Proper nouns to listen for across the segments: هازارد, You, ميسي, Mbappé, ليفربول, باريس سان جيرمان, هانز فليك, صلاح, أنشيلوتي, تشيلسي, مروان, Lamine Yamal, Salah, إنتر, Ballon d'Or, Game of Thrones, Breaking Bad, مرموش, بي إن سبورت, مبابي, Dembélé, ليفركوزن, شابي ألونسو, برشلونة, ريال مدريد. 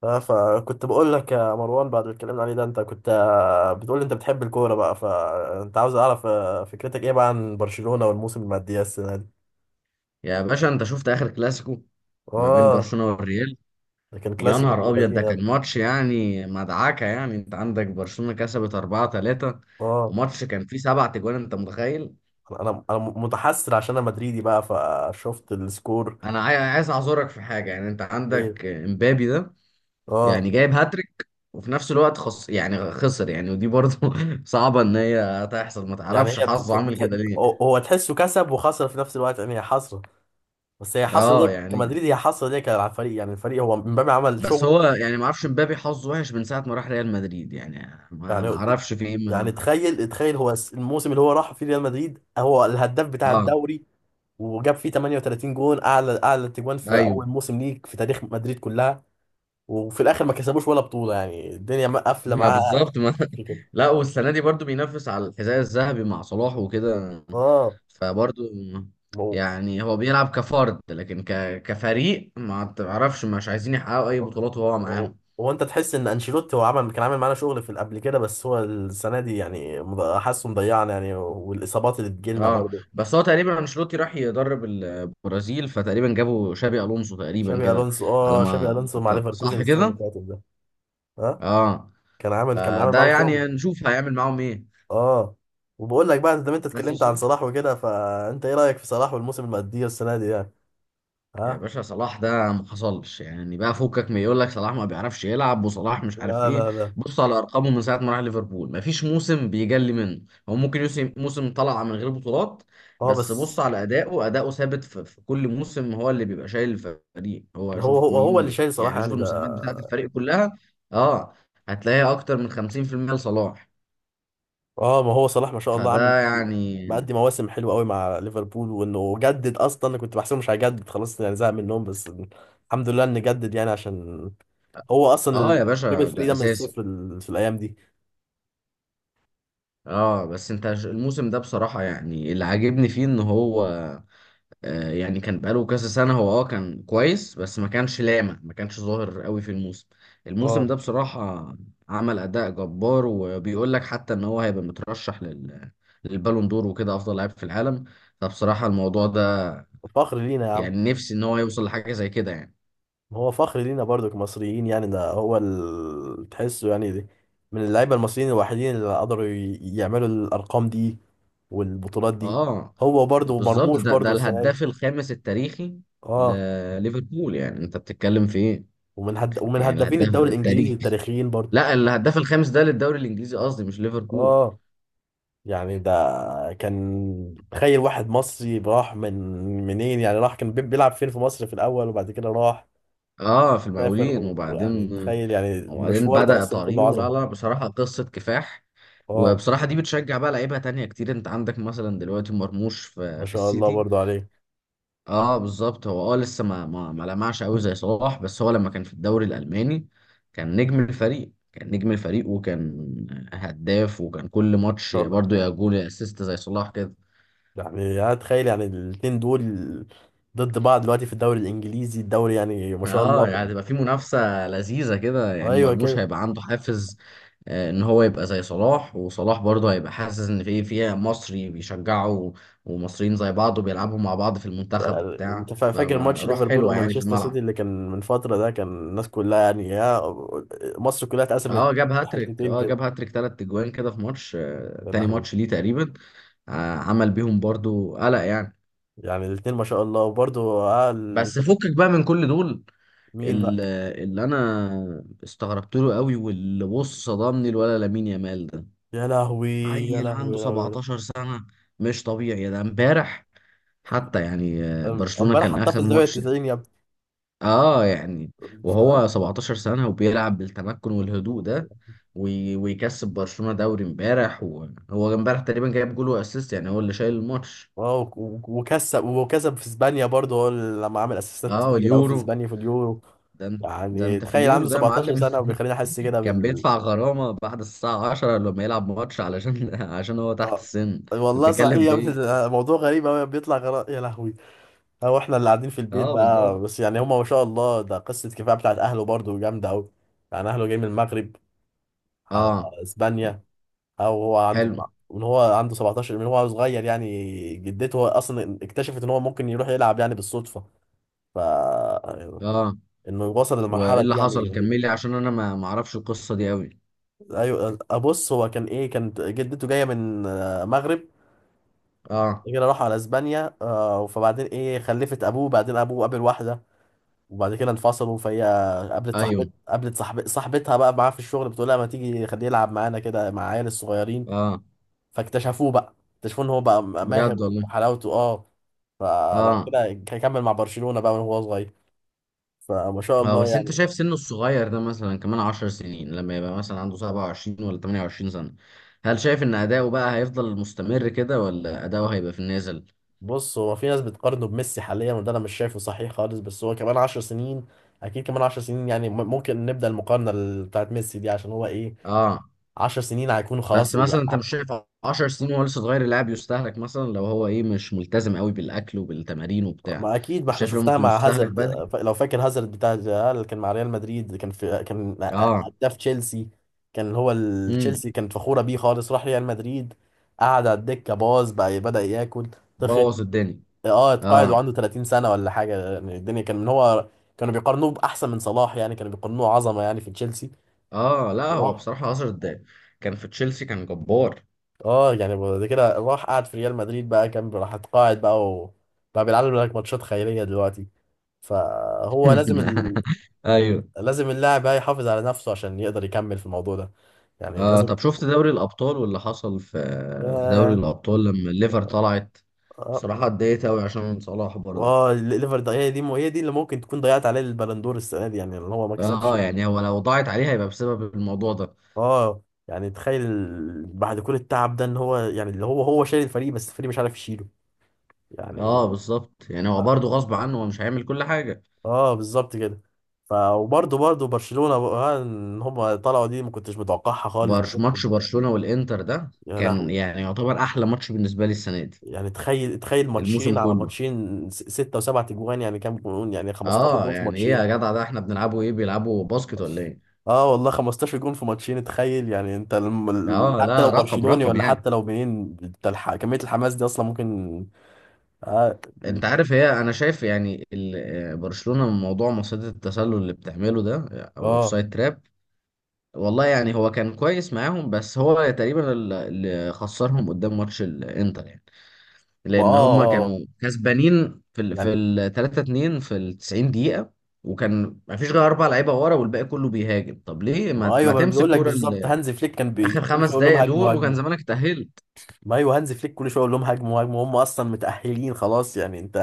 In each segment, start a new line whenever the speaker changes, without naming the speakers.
فكنت بقول لك يا مروان بعد اللي اتكلمنا عليه ده انت كنت بتقول لي انت بتحب الكوره بقى فانت عاوز اعرف فكرتك ايه بقى عن برشلونه والموسم المادية السنه دي.
يا باشا، انت شفت اخر كلاسيكو ما بين
اه،
برشلونة والريال؟
ده كان
يا
كلاسيكو
نهار
ابن
ابيض،
لذين
ده
يا
كان
ابني.
ماتش يعني مدعكة. يعني انت عندك برشلونة كسبت 4-3،
اه،
وماتش كان فيه 7 تجوان، انت متخيل؟
انا انا أنا متحسر عشان انا مدريدي بقى فشفت السكور.
انا عايز اعذرك في حاجة. يعني انت
ايه.
عندك امبابي ده،
اه،
يعني جايب هاتريك وفي نفس الوقت خص، يعني خسر، يعني ودي برضه صعبة ان هي تحصل. ما
يعني
تعرفش
هي
حظه
بت...
عامل كده
بت...
ليه؟
هو هو تحسه كسب وخسر في نفس الوقت يعني هي حسره. بس هي حسره دي
اه يعني.
كمدريد، هي حسره دي على الفريق يعني الفريق هو مبابي عمل
بس
شغله.
هو يعني ما اعرفش امبابي حظه وحش من ساعة ما راح ريال مدريد. يعني ما
يعني
ما اعرفش في ايه
يعني
منه.
تخيل تخيل هو الموسم اللي هو راح فيه ريال مدريد هو الهداف بتاع
اه،
الدوري وجاب فيه 38 جون، اعلى تجوان في
ايوه.
اول موسم ليك في تاريخ مدريد كلها. وفي الاخر ما كسبوش ولا بطولة يعني الدنيا قافلة
ما
معاه.
بالظبط، ما.
في كده.
لا، والسنه دي برضو بينافس على الحذاء الذهبي مع صلاح وكده.
اه.
فبرضو،
ما هو
يعني هو بيلعب كفرد، لكن كفريق ما تعرفش مش عايزين يحققوا اي بطولات وهو
هو
معاهم.
هو انت تحس ان انشيلوتي هو كان عامل معانا شغل في قبل كده بس هو السنة دي يعني حاسه مضيعنا يعني، والاصابات اللي بتجيلنا
اه
برضه.
بس هو تقريبا انشيلوتي راح يدرب البرازيل، فتقريبا جابوا شابي الونسو تقريبا
شابي
كده.
الونسو.
على
اه، شابي
ما
الونسو مع
أعتقد،
ليفركوزن
صح
السنة اللي
كده؟
فاتت ده. ها.
اه.
كان عامل كان عامل
ده
معاهم
يعني
شغل.
نشوف هيعمل معاهم ايه.
اه. وبقول لك بقى انت
بس
اتكلمت عن
شوف.
صلاح وكده فانت ايه رايك في صلاح والموسم اللي مأديه السنه دي يعني.
يا
ها.
باشا، صلاح ده ما حصلش. يعني بقى فكك من يقول لك صلاح ما بيعرفش يلعب وصلاح مش عارف
لا
ايه.
لا لا.
بص على ارقامه. من ساعه ما راح ليفربول ما فيش موسم بيجلي منه. هو ممكن يوسم موسم طلع من غير بطولات.
اه
بس
بس
بص على اداؤه. اداؤه ثابت في كل موسم. هو اللي بيبقى شايل الفريق. هو
هو
شوف
هو اللي
مين،
شايل صلاح
يعني شوف
يعني
المساهمات بتاعه
ده.
الفريق كلها. اه، هتلاقيها اكتر من 50% لصلاح.
اه. ما هو صلاح ما شاء الله عامل،
فده يعني.
مأدي مواسم حلوه قوي مع ليفربول، وانه جدد اصلا. انا كنت بحسبه مش هيجدد خلاص يعني زهق منهم، بس الحمد لله انه جدد يعني عشان هو اصلا
اه
اللي
يا
جاب
باشا،
الفريق
ده
ده من
اساسي.
الصفر في الايام دي.
اه بس انت الموسم ده بصراحة، يعني اللي عاجبني فيه ان هو، يعني كان بقاله كذا سنة. هو كان كويس، بس ما كانش لامع، ما كانش ظاهر قوي في الموسم. الموسم
اه.
ده بصراحة عمل أداء جبار، وبيقول لك حتى إن هو هيبقى مترشح للبالون دور وكده أفضل لاعب في العالم. فبصراحة الموضوع ده،
فخر لينا يا عم.
يعني نفسي إن هو يوصل لحاجة زي كده يعني.
هو فخر لينا برضو كمصريين، يعني ده هو تحسه يعني دي من اللعيبة المصريين الوحيدين اللي قدروا يعملوا الأرقام دي والبطولات دي.
اه
هو برضو
بالظبط،
مرموش
ده
برضو
ده
السنة
الهداف
دي.
الخامس التاريخي
اه.
لليفربول. يعني أنت بتتكلم في إيه؟
ومن
يعني
هدافين
الهداف
الدوري الإنجليزي
التاريخي.
التاريخيين برضو.
لا، الهداف الخامس ده للدوري الإنجليزي قصدي، مش ليفربول.
اه. يعني ده كان تخيل واحد مصري راح من منين يعني راح كان بيلعب فين في مصر في الأول وبعد كده راح
اه، في
سافر
المقاولين
ويعني
وبعدين.
تخيل يعني
وبعدين
المشوار ده
بدأ
أصلا كله
طريقه. لا
عظمة.
لا، بصراحة قصة كفاح.
اه
وبصراحة دي بتشجع بقى لعيبة تانية كتير. انت عندك مثلا دلوقتي مرموش
ما
في
شاء الله
السيتي.
برضو عليه ان
اه بالظبط. هو لسه ما لمعش قوي زي صلاح. بس هو لما كان في الدوري الألماني كان نجم الفريق، وكان هداف وكان كل ماتش
شاء الله.
برضه يا جول يا اسيست زي صلاح كده.
يعني انا اتخيل يعني الاتنين دول ضد بعض دلوقتي في الدوري الانجليزي الدوري يعني ما شاء
اه
الله.
يعني، هتبقى في منافسة لذيذة كده. يعني
ايوه
مرموش
كده.
هيبقى عنده حافز، ان هو يبقى زي صلاح. وصلاح برضه هيبقى حاسس ان في فيها مصري بيشجعه ومصريين زي بعض وبيلعبوا مع بعض في المنتخب
يعني
وبتاع،
انت فاكر ماتش
فروح
ليفربول
حلوة يعني في
ومانشستر سيتي
الملعب.
اللي كان من فتره ده؟ كان الناس كلها يعني يا، مصر كلها اتقسمت
اه جاب هاتريك.
حتتين
اه
كده.
جاب هاتريك 3 اجوان كده في ماتش،
يا
تاني
لهوي.
ماتش ليه تقريبا. آه، عمل بيهم برضه قلق يعني.
يعني الاتنين ما شاء الله. وبرضه آه
بس
طب
فكك بقى من كل دول.
مين بقى؟
ال- اللي انا استغربت له قوي، واللي بص صدمني الولا لامين يامال ده.
يا لهوي يا
عيل
لهوي
عنده
يا لهوي يا لهوي.
17 سنة! مش طبيعي ده. امبارح حتى يعني، برشلونة
امبارح
كان
حطها في
آخر
الزاويه
ماتش.
90 يا
اه يعني.
ابني.
وهو 17 سنة وبيلعب بالتمكن والهدوء ده، ويكسب برشلونة دوري امبارح، وهو امبارح تقريبا جايب جول واسيست. يعني هو اللي شايل الماتش.
اه وكسب وكسب في اسبانيا برضه هو اللي لما عمل اسيستات
اه
فاجر قوي في
واليورو.
اسبانيا في اليورو.
ده انت ده
يعني
انت في
تخيل
اليورو
عنده
ده يا
17
معلم
سنه وبيخليني احس كده
كان
بال.
بيدفع غرامة بعد الساعة 10 لما يلعب ماتش علشان عشان هو تحت
اه
السن. انت
والله صحيح
بتتكلم
يا
في ايه؟
ابني. موضوع غريب قوي بيطلع يا لهوي. هو احنا اللي قاعدين في البيت
اه بالظبط.
بقى، بس يعني هما ما شاء الله ده قصه كفايه بتاعت اهله برضه جامده قوي. يعني اهله جاي من المغرب على
اه،
اسبانيا. او هو عنده
حلو.
من هو عنده 17، من هو صغير يعني جدته اصلا اكتشفت ان هو ممكن يروح يلعب يعني بالصدفه. ف
اه،
انه وصل
وايه
للمرحله دي
اللي
يعني
حصل؟
غريبه.
كملي عشان انا ما اعرفش القصه دي قوي.
ايوه ابص هو كان ايه، كانت جدته جايه من المغرب،
اه،
كده راحوا على اسبانيا. فبعدين ايه خلفت ابوه بعدين ابوه قابل واحده وبعد كده انفصلوا. فهي قابلت
ايوه.
صاحب صاحبتها بقى معاه في الشغل، بتقول لها ما تيجي خليه يلعب معانا كده مع عيال الصغيرين.
اه،
فاكتشفوه بقى ان هو بقى ماهر
بجد والله.
وحلاوته. اه. فبعد
اه.
كده كمل مع برشلونه بقى وهو صغير. فما شاء
اه
الله
بس انت
يعني.
شايف سنه الصغير ده، مثلا كمان 10 سنين لما يبقى مثلا عنده 27 ولا 28 سنة، هل شايف ان اداؤه بقى هيفضل مستمر كده، ولا اداؤه هيبقى في النازل؟
بص هو في ناس بتقارنه بميسي حاليا، وده انا مش شايفه صحيح خالص، بس هو كمان عشر سنين اكيد كمان عشر سنين يعني ممكن نبدأ المقارنة بتاعت ميسي دي عشان هو ايه.
اه،
عشر سنين هيكونوا خلاص
بس
إيه
مثلا انت مش شايف 10 سنين وهو لسه صغير اللاعب يستهلك، مثلا لو هو ايه مش ملتزم قوي بالاكل وبالتمارين وبتاع.
ما اكيد، ما
مش
احنا
شايف لو
شفتها
ممكن
مع
يستهلك
هازارد.
بدري؟
لو فاكر هازارد بتاع الريال كان مع ريال مدريد كان في، كان
اه،
هداف تشيلسي، كان هو
امم.
تشيلسي كانت فخورة بيه خالص. راح ريال مدريد قعد على الدكة، باظ بقى، بدأ ياكل، تخن.
بوظ الدنيا.
اه اتقاعد
اه،
وعنده 30 سنة ولا حاجة يعني الدنيا. كان من هو كانوا بيقارنوه بأحسن من صلاح يعني، كانوا بيقارنوه عظمة يعني في تشيلسي.
اه. لا، هو
الله.
بصراحة 10 دقايق كان في تشيلسي كان جبار.
اه يعني بعد كده راح قعد في ريال مدريد بقى، كان راح اتقاعد بقى وبقى بيلعب لك ماتشات خيرية دلوقتي. فهو لازم
ايوه.
لازم اللاعب بقى يحافظ على نفسه عشان يقدر يكمل في الموضوع ده. يعني لازم.
طب شفت دوري الابطال واللي حصل في دوري
ياه.
الابطال لما الليفر طلعت.
اه.
بصراحة اتضايقت قوي عشان صلاح برضه.
الليفر ده هي دي هي دي اللي ممكن تكون ضيعت عليه البلندور السنة دي يعني اللي هو ما كسبش.
اه يعني، هو لو ضاعت عليه هيبقى بسبب الموضوع ده.
اه. يعني تخيل بعد كل التعب ده ان هو يعني اللي هو شايل الفريق بس الفريق مش عارف يشيله
اه
يعني.
بالظبط. يعني هو
اه.
برضه غصب عنه، هو مش هيعمل كل حاجة.
بالظبط كده. ف وبرضه برشلونة بقى ان هم طلعوا دي ما كنتش متوقعها خالص بالذات
ماتش برشلونة والانتر ده
يا
كان
لهوي.
يعني يعتبر احلى ماتش بالنسبة لي السنة دي.
يعني تخيل
الموسم
ماتشين على
كله.
ماتشين، ستة وسبعة اجوان يعني كام جون، يعني 15
اه.
جون في
يعني ايه يا
ماتشين.
جدع ده؟ احنا بنلعبوا ايه؟ بيلعبوا باسكت ولا ايه؟
اه والله 15 جون في ماتشين تخيل. يعني انت
اه
حتى لو
لا، رقم
برشلوني
رقم
ولا
يعني.
حتى لو منين انت كمية الحماس دي اصلا ممكن. اه.
انت عارف، هي انا شايف يعني برشلونة من موضوع مصيدة التسلل اللي بتعمله ده، او
اه.
الاوفسايد تراب. والله يعني هو كان كويس معاهم، بس هو تقريبا اللي خسرهم قدام ماتش الانتر يعني.
ما
لان
اه
هم
اه آه.
كانوا كسبانين في ال في
يعني.
ال 3-2 في ال 90 دقيقة. وكان ما فيش غير 4 لعيبة ورا والباقي كله بيهاجم. طب ليه
ما
ما
ايوه ما
تمسك
بيقول لك
كورة
بالظبط، هانز فليك كان
اخر
كل شويه
خمس
يقول لهم
دقايق
هاجموا
دول وكان
هاجموا.
زمانك تأهلت.
ما ايوه هانز فليك كل شويه يقول لهم هاجموا هاجموا، هم اصلا متاهلين خلاص يعني انت.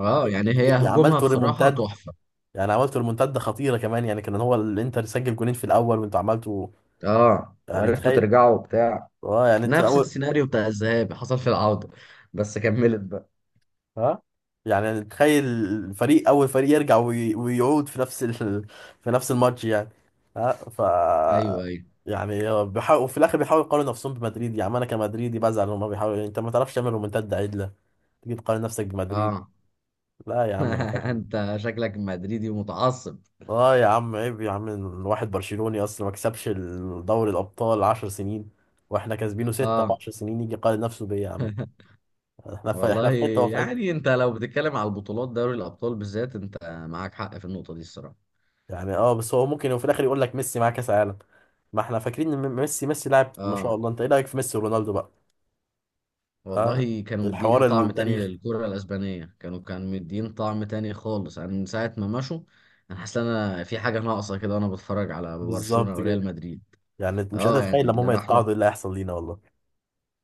اه يعني، هي هجومها
عملتوا
بصراحة
ريمونتادا.
تحفة.
يعني عملتوا ريمونتادا خطيره كمان يعني، كان هو الانتر سجل جونين في الاول وانتوا عملتوا.
اه،
يعني
وعرفتوا
تخيل.
ترجعوا وبتاع.
اه يعني انت
نفس
اول.
السيناريو بتاع الذهاب حصل في العودة. بس كملت بقى.
ها. يعني تخيل فريق، اول فريق يرجع ويعود في نفس في نفس الماتش يعني. ها ف.
ايوه، ايوه.
يعني هو بيحاول، وفي الاخر بيحاولوا يقارنوا نفسهم بمدريد يعني. انا كمدريدي بزعل هما بيحاولوا يعني. انت ما تعرفش تعمل رومنتاد عدله تيجي تقارن نفسك بمدريد.
اه.
لا يا عم ما ينفعش كده.
انت شكلك مدريدي ومتعصب.
اه يا عم عيب يا عم، الواحد برشلوني اصلا ما كسبش دوري الابطال 10 سنين، واحنا كاسبينه ستة في
اه
10 سنين يجي يقارن نفسه بيا يا عم. احنا في، احنا
والله.
في حته وهو في حته
يعني انت لو بتتكلم على البطولات دوري الابطال بالذات، انت معاك حق في النقطة دي الصراحة.
يعني. اه بس هو ممكن في الاخر يقول لك ميسي معاه كاس عالم. ما احنا فاكرين ان ميسي. ميسي لاعب ما شاء
اه
الله. انت ايه رايك في ميسي ورونالدو بقى؟ ها.
والله، كانوا مدين
الحوار
طعم تاني
التاريخي.
للكرة الاسبانية. كانوا مدين طعم تاني خالص. انا من ساعة ما مشوا، انا حاسس ان انا في حاجة ناقصة كده وانا بتفرج على برشلونة
بالظبط
وريال
كده.
مدريد.
يعني انت مش قادر
اه
اتخيل
يعني،
لما
اللي
هم
راح.
يتقاعدوا ايه اللي هيحصل لينا والله.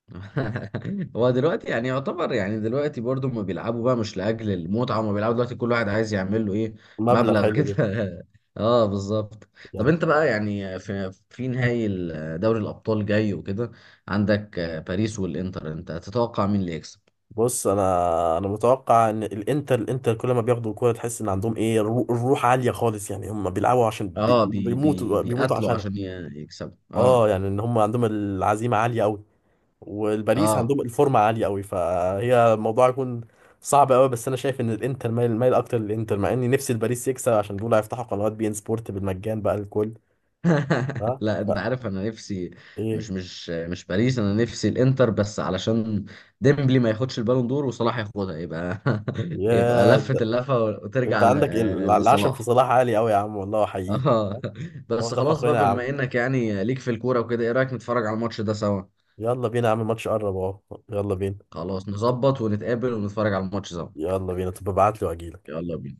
هو دلوقتي يعني يعتبر، يعني دلوقتي برضو ما بيلعبوا بقى مش لأجل المتعة. ما بيلعبوا دلوقتي كل واحد عايز يعمل له ايه،
مبلغ
مبلغ
حلو
كده
جدا.
اه بالظبط. طب
يعني
انت بقى يعني في نهائي دوري الأبطال جاي وكده، عندك باريس والإنتر. انت تتوقع مين اللي يكسب؟
بص انا، انا متوقع ان الانتر، الانتر كل ما بياخدوا الكوره تحس ان عندهم ايه الروح عاليه خالص يعني هم بيلعبوا عشان
اه، بي بي
بيموتوا بيموتوا
بيقاتلوا
عشانها.
عشان يكسبوا
اه
اه.
يعني ان هم عندهم العزيمه عاليه قوي، والباريس
اه.
عندهم الفورمه عاليه قوي فهي الموضوع يكون صعب قوي. بس انا شايف ان الانتر مايل، مايل اكتر للانتر، مع اني نفسي الباريس يكسب عشان دول هيفتحوا قنوات بي ان سبورت بالمجان بقى الكل. ها
لا،
ف...
انت عارف انا نفسي مش
ايه
مش مش باريس. انا نفسي الانتر، بس علشان ديمبلي ما ياخدش البالون دور وصلاح ياخدها، يبقى يبقى
يا.
لفة اللفة
انت
وترجع
عندك العشم في
لصلاح.
صلاح عالي قوي يا عم، والله احييك.
اه.
هو
بس
ده
خلاص بقى،
فخرنا يا عم.
بما انك يعني ليك في الكورة وكده، ايه رأيك نتفرج على الماتش ده سوا؟
يلا بينا يا عم الماتش قرب اهو. يلا بينا.
خلاص نظبط ونتقابل ونتفرج على الماتش سوا.
يلا بينا، طب ابعت لي واجيلك.
يلا بينا.